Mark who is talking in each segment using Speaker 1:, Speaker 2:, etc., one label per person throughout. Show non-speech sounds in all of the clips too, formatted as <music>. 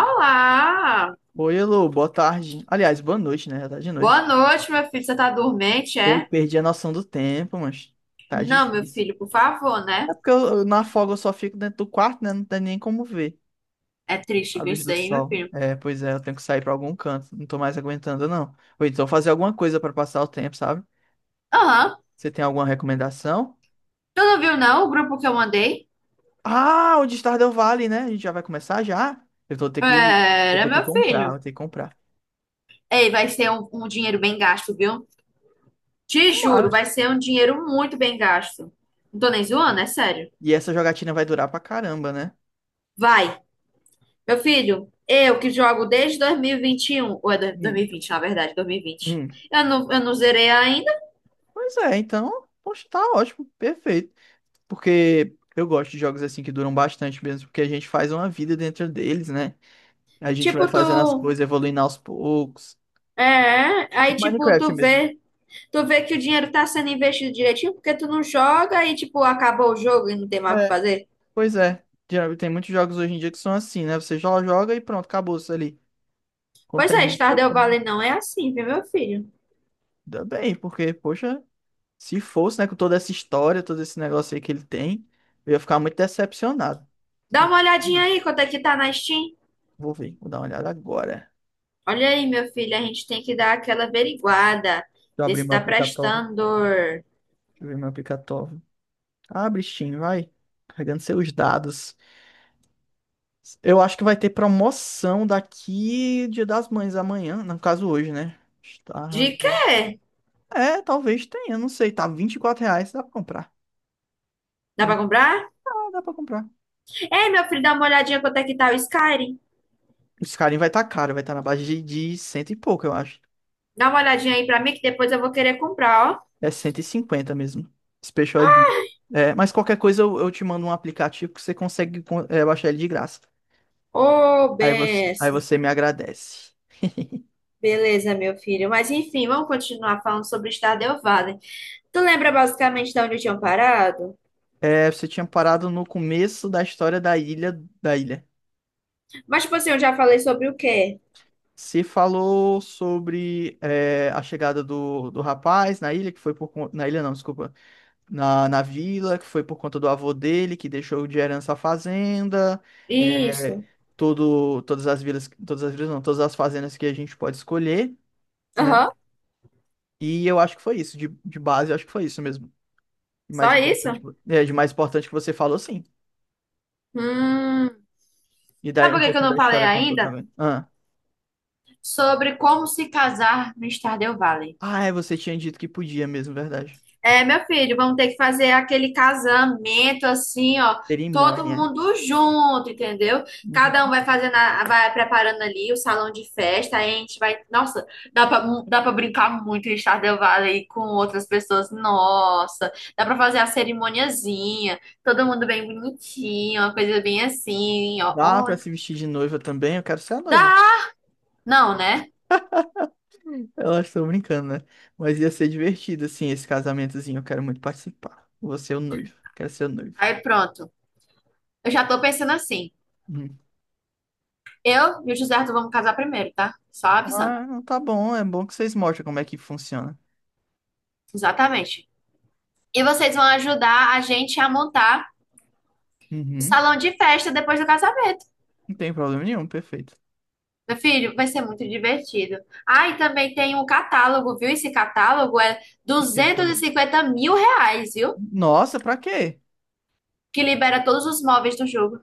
Speaker 1: Olá!
Speaker 2: Oi, elo, boa tarde. Aliás, boa noite, né? Já tá de
Speaker 1: Boa
Speaker 2: noite.
Speaker 1: noite, meu filho. Você tá dormente,
Speaker 2: Eu
Speaker 1: é?
Speaker 2: perdi a noção do tempo, mas tá
Speaker 1: Não, meu
Speaker 2: difícil.
Speaker 1: filho, por favor, né?
Speaker 2: É porque eu na folga eu só fico dentro do quarto, né? Não tem nem como ver
Speaker 1: É triste
Speaker 2: a
Speaker 1: ver
Speaker 2: luz
Speaker 1: isso
Speaker 2: do
Speaker 1: aí, meu
Speaker 2: sol.
Speaker 1: filho.
Speaker 2: É, pois é, eu tenho que sair pra algum canto. Não tô mais aguentando, não. Ou então fazer alguma coisa pra passar o tempo, sabe?
Speaker 1: Aham.
Speaker 2: Você tem alguma recomendação?
Speaker 1: Tu não viu, não, o grupo que eu mandei?
Speaker 2: Ah, o de Stardew Valley, né? A gente já vai começar já? Eu vou
Speaker 1: Era,
Speaker 2: ter que
Speaker 1: meu
Speaker 2: comprar,
Speaker 1: filho.
Speaker 2: vou ter que comprar.
Speaker 1: Ei, vai ser um dinheiro bem gasto, viu? Te juro,
Speaker 2: Tomara.
Speaker 1: vai ser um dinheiro muito bem gasto. Não tô nem zoando, é sério.
Speaker 2: E essa jogatina vai durar pra caramba, né?
Speaker 1: Vai. Meu filho, eu que jogo desde dois mil e vinte e um ou é dois mil
Speaker 2: Hum,
Speaker 1: e vinte? Na verdade, 2020.
Speaker 2: hum.
Speaker 1: Eu não zerei ainda.
Speaker 2: Pois é, então, poxa, tá ótimo, perfeito. Porque eu gosto de jogos assim que duram bastante mesmo, porque a gente faz uma vida dentro deles, né? A gente vai
Speaker 1: Tipo, tu.
Speaker 2: fazendo as coisas, evoluindo aos poucos.
Speaker 1: É, aí, tipo,
Speaker 2: Minecraft
Speaker 1: tu
Speaker 2: mesmo.
Speaker 1: vê. Tu vê que o dinheiro tá sendo investido direitinho porque tu não joga e, tipo, acabou o jogo e não tem mais o que
Speaker 2: É,
Speaker 1: fazer.
Speaker 2: pois é. Já tem muitos jogos hoje em dia que são assim, né? Você já joga e pronto, acabou isso ali. Quando
Speaker 1: Pois é,
Speaker 2: termina, o jogo,
Speaker 1: Stardew
Speaker 2: termina.
Speaker 1: Valley não é assim, viu, meu filho?
Speaker 2: Ainda bem, porque, poxa, se fosse, né, com toda essa história, todo esse negócio aí que ele tem, eu ia ficar muito decepcionado.
Speaker 1: Dá
Speaker 2: Eu-
Speaker 1: uma olhadinha aí quanto é que tá na Steam.
Speaker 2: Vou ver, vou dar uma olhada agora. Deixa
Speaker 1: Olha aí, meu filho, a gente tem que dar aquela averiguada,
Speaker 2: eu
Speaker 1: ver
Speaker 2: abrir
Speaker 1: se
Speaker 2: meu
Speaker 1: tá
Speaker 2: aplicativo.
Speaker 1: prestando.
Speaker 2: Deixa eu ver meu aplicativo. Abre Steam, vai. Carregando seus dados. Eu acho que vai ter promoção daqui Dia das Mães amanhã. No caso, hoje, né?
Speaker 1: De
Speaker 2: Estado.
Speaker 1: quê?
Speaker 2: É, talvez tenha, não sei. Tá R$ 24 reais, dá pra comprar.
Speaker 1: Dá pra
Speaker 2: Vi-
Speaker 1: comprar?
Speaker 2: Ah, dá pra comprar.
Speaker 1: Ei, meu filho, dá uma olhadinha quanto é que tá o Skyrim.
Speaker 2: Esse carinho vai estar tá caro, vai estar tá na base de cento e pouco, eu acho.
Speaker 1: Dá uma olhadinha aí pra mim que depois eu vou querer comprar, ó.
Speaker 2: É 150 mesmo. Special Edition. É, mas qualquer coisa eu te mando um aplicativo que você consegue baixar ele de graça.
Speaker 1: Ô,
Speaker 2: Aí você, aí
Speaker 1: benção.
Speaker 2: você me agradece.
Speaker 1: Beleza, meu filho. Mas enfim, vamos continuar falando sobre Stardew Valley. Tu lembra basicamente de onde eu tinha parado?
Speaker 2: É, você tinha parado no começo da história da ilha, da ilha.
Speaker 1: Mas, tipo assim, eu já falei sobre o quê?
Speaker 2: Você falou sobre é, a chegada do rapaz na ilha, que foi por conta. Na ilha não, desculpa. Na, na vila, que foi por conta do avô dele, que deixou de herança a fazenda. É,
Speaker 1: Isso.
Speaker 2: todas as vilas não, todas as fazendas que a gente pode escolher, né?
Speaker 1: Aham.
Speaker 2: E eu acho que foi isso. De base, eu acho que foi isso mesmo. De mais
Speaker 1: Só
Speaker 2: importante,
Speaker 1: isso?
Speaker 2: de mais importante que você falou, sim.
Speaker 1: Hum.
Speaker 2: E daí
Speaker 1: Sabe
Speaker 2: um
Speaker 1: por que que eu
Speaker 2: pouquinho
Speaker 1: não
Speaker 2: da
Speaker 1: falei
Speaker 2: história contou
Speaker 1: ainda?
Speaker 2: também. Ah.
Speaker 1: Sobre como se casar no Stardew Valley.
Speaker 2: Ah, é, você tinha dito que podia mesmo, verdade.
Speaker 1: É, meu filho, vamos ter que fazer aquele casamento assim, ó, todo
Speaker 2: Cerimônia.
Speaker 1: mundo junto, entendeu? Cada um
Speaker 2: Uhum.
Speaker 1: vai fazendo, vai preparando ali o salão de festa, aí a gente vai, nossa, dá pra brincar muito em Stardew Valley com outras pessoas, nossa, dá pra fazer a cerimoniazinha, todo mundo bem bonitinho, uma coisa bem assim, ó,
Speaker 2: Dá pra
Speaker 1: olha,
Speaker 2: se vestir de noiva também? Eu quero ser a noiva.
Speaker 1: dá, não, né?
Speaker 2: Eu acho que tô brincando, né? Mas ia ser divertido, assim, esse casamentozinho. Eu quero muito participar. Você é o noivo. Quero ser o noivo.
Speaker 1: Aí pronto, eu já tô pensando assim,
Speaker 2: Uhum.
Speaker 1: eu e o José Arthur vamos casar primeiro, tá? Só avisando,
Speaker 2: Ah, tá bom. É bom que vocês mostram como é que funciona.
Speaker 1: exatamente. E vocês vão ajudar a gente a montar o
Speaker 2: Uhum.
Speaker 1: salão de festa depois do casamento.
Speaker 2: Não tem problema nenhum, perfeito.
Speaker 1: Meu filho, vai ser muito divertido. Ah, e também tem um catálogo, viu? Esse catálogo é
Speaker 2: Fiquei de
Speaker 1: duzentos e
Speaker 2: casar.
Speaker 1: cinquenta mil reais, viu?
Speaker 2: Nossa, pra quê?
Speaker 1: Que libera todos os móveis do jogo.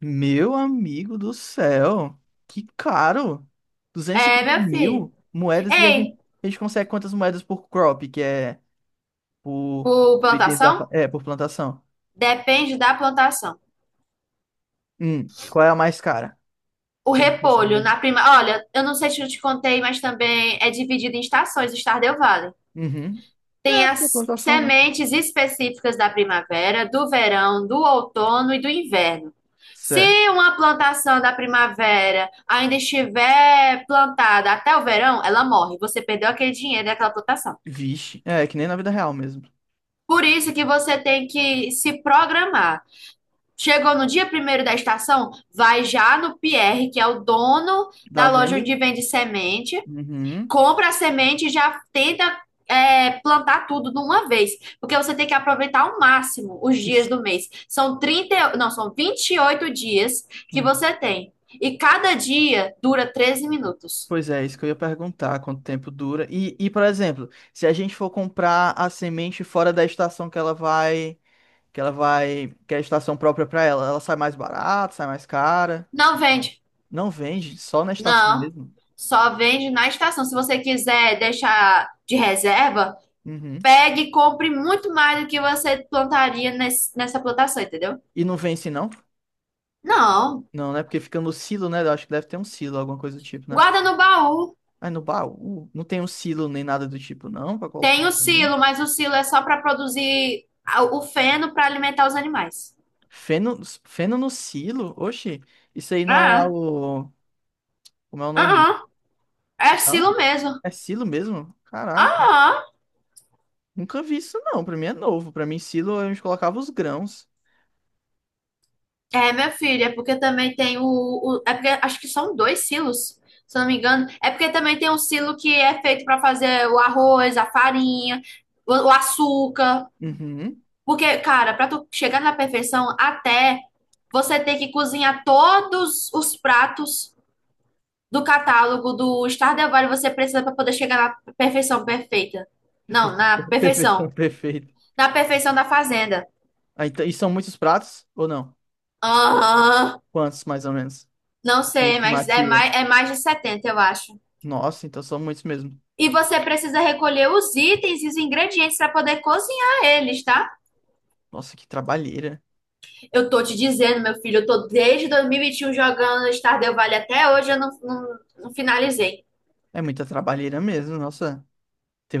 Speaker 2: Meu amigo do céu, que caro! duzentos e
Speaker 1: É,
Speaker 2: cinquenta
Speaker 1: meu filho.
Speaker 2: mil moedas e
Speaker 1: Ei,
Speaker 2: a gente consegue quantas moedas por crop, que é por,
Speaker 1: por
Speaker 2: por itens da, fa-
Speaker 1: plantação?
Speaker 2: é, por plantação?
Speaker 1: Depende da plantação.
Speaker 2: Qual é a mais cara
Speaker 1: O
Speaker 2: que a gente consegue
Speaker 1: repolho na
Speaker 2: vender?
Speaker 1: prima. Olha, eu não sei se eu te contei, mas também é dividido em estações, o Stardew Valley.
Speaker 2: Uhum.
Speaker 1: Tem
Speaker 2: É, porque é
Speaker 1: as
Speaker 2: plantação, né?
Speaker 1: sementes específicas da primavera, do verão, do outono e do inverno. Se
Speaker 2: Certo.
Speaker 1: uma plantação da primavera ainda estiver plantada até o verão, ela morre. Você perdeu aquele dinheiro daquela plantação.
Speaker 2: Vixe, é que nem na vida real mesmo.
Speaker 1: Por isso que você tem que se programar. Chegou no dia primeiro da estação, vai já no Pierre, que é o dono da
Speaker 2: Da
Speaker 1: loja
Speaker 2: venda?
Speaker 1: onde vende semente,
Speaker 2: Uhum.
Speaker 1: compra a semente e já tenta plantar tudo de uma vez, porque você tem que aproveitar ao máximo os dias
Speaker 2: Isso.
Speaker 1: do mês. São 30, não, são 28 dias que
Speaker 2: Uhum.
Speaker 1: você tem. E cada dia dura 13 minutos.
Speaker 2: Pois é, isso que eu ia perguntar, quanto tempo dura. E, por exemplo, se a gente for comprar a semente fora da estação que ela vai. Que ela vai. Que é a estação própria pra ela. Ela sai mais barata, sai mais cara.
Speaker 1: Não vende.
Speaker 2: Não vende, só na estação
Speaker 1: Não.
Speaker 2: mesmo.
Speaker 1: Só vende na estação. Se você quiser deixar de reserva,
Speaker 2: Uhum.
Speaker 1: pegue e compre muito mais do que você plantaria nessa plantação, entendeu?
Speaker 2: E não vence, não?
Speaker 1: Não.
Speaker 2: Não, né? Porque fica no silo, né? Eu acho que deve ter um silo, alguma coisa do tipo, né?
Speaker 1: Guarda no baú.
Speaker 2: Aí no baú, não tem um silo nem nada do tipo, não, pra colocar
Speaker 1: Tem o
Speaker 2: também.
Speaker 1: silo, mas o silo é só para produzir o feno para alimentar os animais.
Speaker 2: Feno, feno no silo? Oxi, isso aí não é
Speaker 1: Ah,
Speaker 2: o. Como é o nome?
Speaker 1: ah, ah. É silo
Speaker 2: Não?
Speaker 1: mesmo.
Speaker 2: É silo mesmo?
Speaker 1: Ah,
Speaker 2: Caraca. Nunca vi isso, não. Pra mim é novo. Pra mim, silo, a gente colocava os grãos.
Speaker 1: ah. É, meu filho, é porque também tem é porque acho que são dois silos, se eu não me engano. É porque também tem um silo que é feito para fazer o arroz, a farinha, o açúcar.
Speaker 2: Uhum.
Speaker 1: Porque, cara, para tu chegar na perfeição, até você ter que cozinhar todos os pratos do catálogo do Stardew Valley você precisa para poder chegar na perfeição perfeita. Não, na
Speaker 2: <laughs>
Speaker 1: perfeição.
Speaker 2: Perfeição, perfeita.
Speaker 1: Na perfeição da fazenda.
Speaker 2: Ah, então, e são muitos pratos ou não?
Speaker 1: Aham.
Speaker 2: Quantos, mais ou menos?
Speaker 1: Não
Speaker 2: Tem
Speaker 1: sei, mas
Speaker 2: estimativa.
Speaker 1: é mais de 70 eu acho.
Speaker 2: Nossa, então são muitos mesmo.
Speaker 1: E você precisa recolher os itens e os ingredientes para poder cozinhar eles, tá?
Speaker 2: Nossa, que trabalheira.
Speaker 1: Eu tô te dizendo, meu filho, eu tô desde 2021 jogando Stardew Valley até hoje, eu não, não, não finalizei.
Speaker 2: É muita trabalheira mesmo, nossa.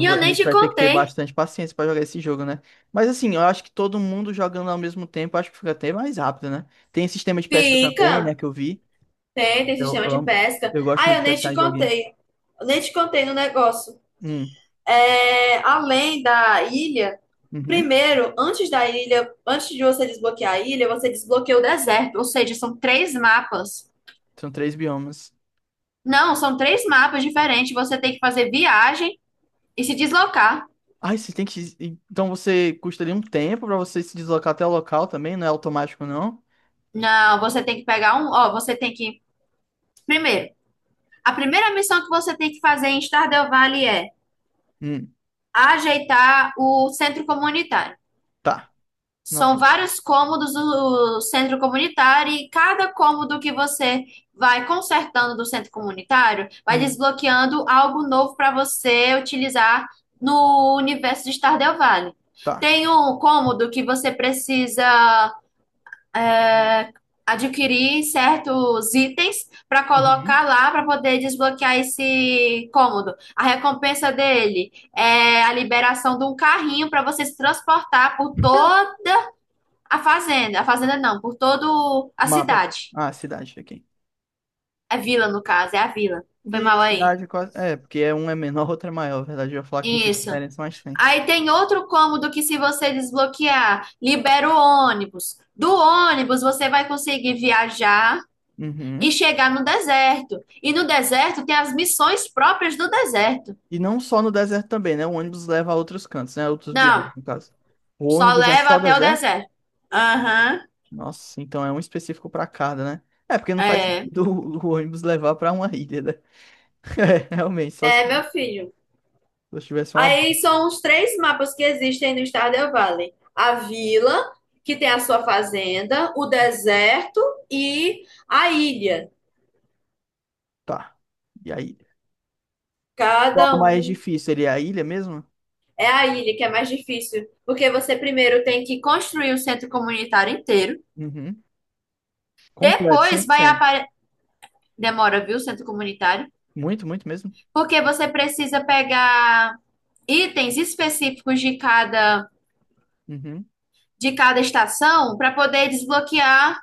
Speaker 1: E eu
Speaker 2: A
Speaker 1: nem
Speaker 2: gente
Speaker 1: te
Speaker 2: vai ter que ter
Speaker 1: contei.
Speaker 2: bastante paciência pra jogar esse jogo, né? Mas assim, eu acho que todo mundo jogando ao mesmo tempo, acho que fica até mais rápido, né? Tem sistema de pesca também, né,
Speaker 1: Fica!
Speaker 2: que eu vi.
Speaker 1: Tem
Speaker 2: Eu,
Speaker 1: sistema
Speaker 2: eu
Speaker 1: de
Speaker 2: amo-
Speaker 1: pesca.
Speaker 2: eu gosto
Speaker 1: Ah,
Speaker 2: muito
Speaker 1: eu
Speaker 2: de
Speaker 1: nem
Speaker 2: pescar
Speaker 1: te
Speaker 2: em joguinho.
Speaker 1: contei. Eu nem te contei no negócio.
Speaker 2: Hum,
Speaker 1: É, além da ilha,
Speaker 2: uhum.
Speaker 1: primeiro, antes da ilha, antes de você desbloquear a ilha, você desbloqueia o deserto. Ou seja, são três mapas.
Speaker 2: São três biomas.
Speaker 1: Não, são três mapas diferentes. Você tem que fazer viagem e se deslocar.
Speaker 2: Ai, você tem que. Então você custa ali um tempo pra você se deslocar até o local também, não é automático, não?
Speaker 1: Não, você tem que pegar um. Ó, você tem que. Primeiro, a primeira missão que você tem que fazer em Stardew Valley é
Speaker 2: Hum,
Speaker 1: ajeitar o centro comunitário.
Speaker 2: tá.
Speaker 1: São
Speaker 2: Nota.
Speaker 1: vários cômodos do centro comunitário e cada cômodo que você vai consertando do centro comunitário vai
Speaker 2: Hum,
Speaker 1: desbloqueando algo novo para você utilizar no universo de Stardew Valley.
Speaker 2: tá.
Speaker 1: Tem um cômodo que você precisa é, adquirir certos itens para
Speaker 2: Uhum.
Speaker 1: colocar lá para poder desbloquear esse cômodo. A recompensa dele é a liberação de um carrinho para você se transportar por toda a fazenda não, por todo a
Speaker 2: Mapa.
Speaker 1: cidade.
Speaker 2: Ah, cidade aqui.
Speaker 1: É vila, no caso, é a vila. Foi
Speaker 2: Guia,
Speaker 1: mal aí.
Speaker 2: cidade, quase. É, é, porque é um é menor, <laughs> outro é maior. Na verdade, eu ia falar que não tem
Speaker 1: Isso.
Speaker 2: diferença, mas tem.
Speaker 1: Aí tem outro cômodo que, se você desbloquear, libera o ônibus. Do ônibus, você vai conseguir viajar e
Speaker 2: Uhum.
Speaker 1: chegar no deserto. E no deserto tem as missões próprias do deserto.
Speaker 2: E não só no deserto também, né? O ônibus leva a outros cantos, né? Outros biomas,
Speaker 1: Não,
Speaker 2: no caso. O
Speaker 1: só
Speaker 2: ônibus é
Speaker 1: leva
Speaker 2: só
Speaker 1: até o
Speaker 2: deserto?
Speaker 1: deserto. Aham,
Speaker 2: Nossa, então é um específico para cada, né? É, porque não faz
Speaker 1: é.
Speaker 2: sentido <laughs> o ônibus levar para uma ilha, né? <laughs> É, realmente, só se
Speaker 1: É, meu filho.
Speaker 2: só tivesse uma barca.
Speaker 1: Aí são os três mapas que existem no Stardew Valley. A vila, que tem a sua fazenda, o deserto e a ilha.
Speaker 2: Tá. E aí? Qual é
Speaker 1: Cada
Speaker 2: o mais
Speaker 1: um
Speaker 2: difícil? Ele é a ilha mesmo?
Speaker 1: é a ilha que é mais difícil, porque você primeiro tem que construir o centro comunitário inteiro.
Speaker 2: Uhum. Completo, cem
Speaker 1: Depois
Speaker 2: por
Speaker 1: vai
Speaker 2: cento
Speaker 1: aparecer. Demora, viu, o centro comunitário?
Speaker 2: Muito, muito mesmo.
Speaker 1: Porque você precisa pegar itens específicos
Speaker 2: Uhum.
Speaker 1: de cada estação para poder desbloquear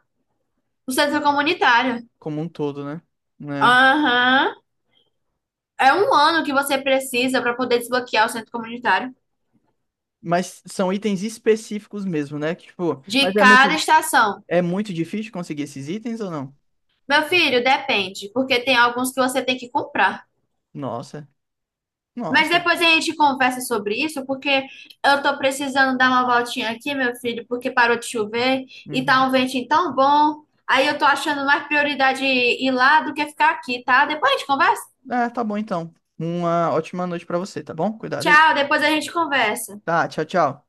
Speaker 1: o centro comunitário.
Speaker 2: Como um todo, né? Né?
Speaker 1: Aham. É um ano que você precisa para poder desbloquear o centro comunitário
Speaker 2: Mas são itens específicos mesmo, né? Que, tipo, mas
Speaker 1: de cada estação.
Speaker 2: é muito difícil conseguir esses itens ou não?
Speaker 1: Meu filho, depende, porque tem alguns que você tem que comprar.
Speaker 2: Nossa,
Speaker 1: Mas
Speaker 2: nossa.
Speaker 1: depois a gente conversa sobre isso, porque eu tô precisando dar uma voltinha aqui, meu filho, porque parou de chover e
Speaker 2: Uhum.
Speaker 1: tá um ventinho tão bom. Aí eu tô achando mais prioridade ir lá do que ficar aqui, tá? Depois a gente conversa.
Speaker 2: Ah, tá bom então. Uma ótima noite pra você, tá bom? Cuidado aí.
Speaker 1: Tchau, depois a gente conversa.
Speaker 2: Tá, tchau, tchau.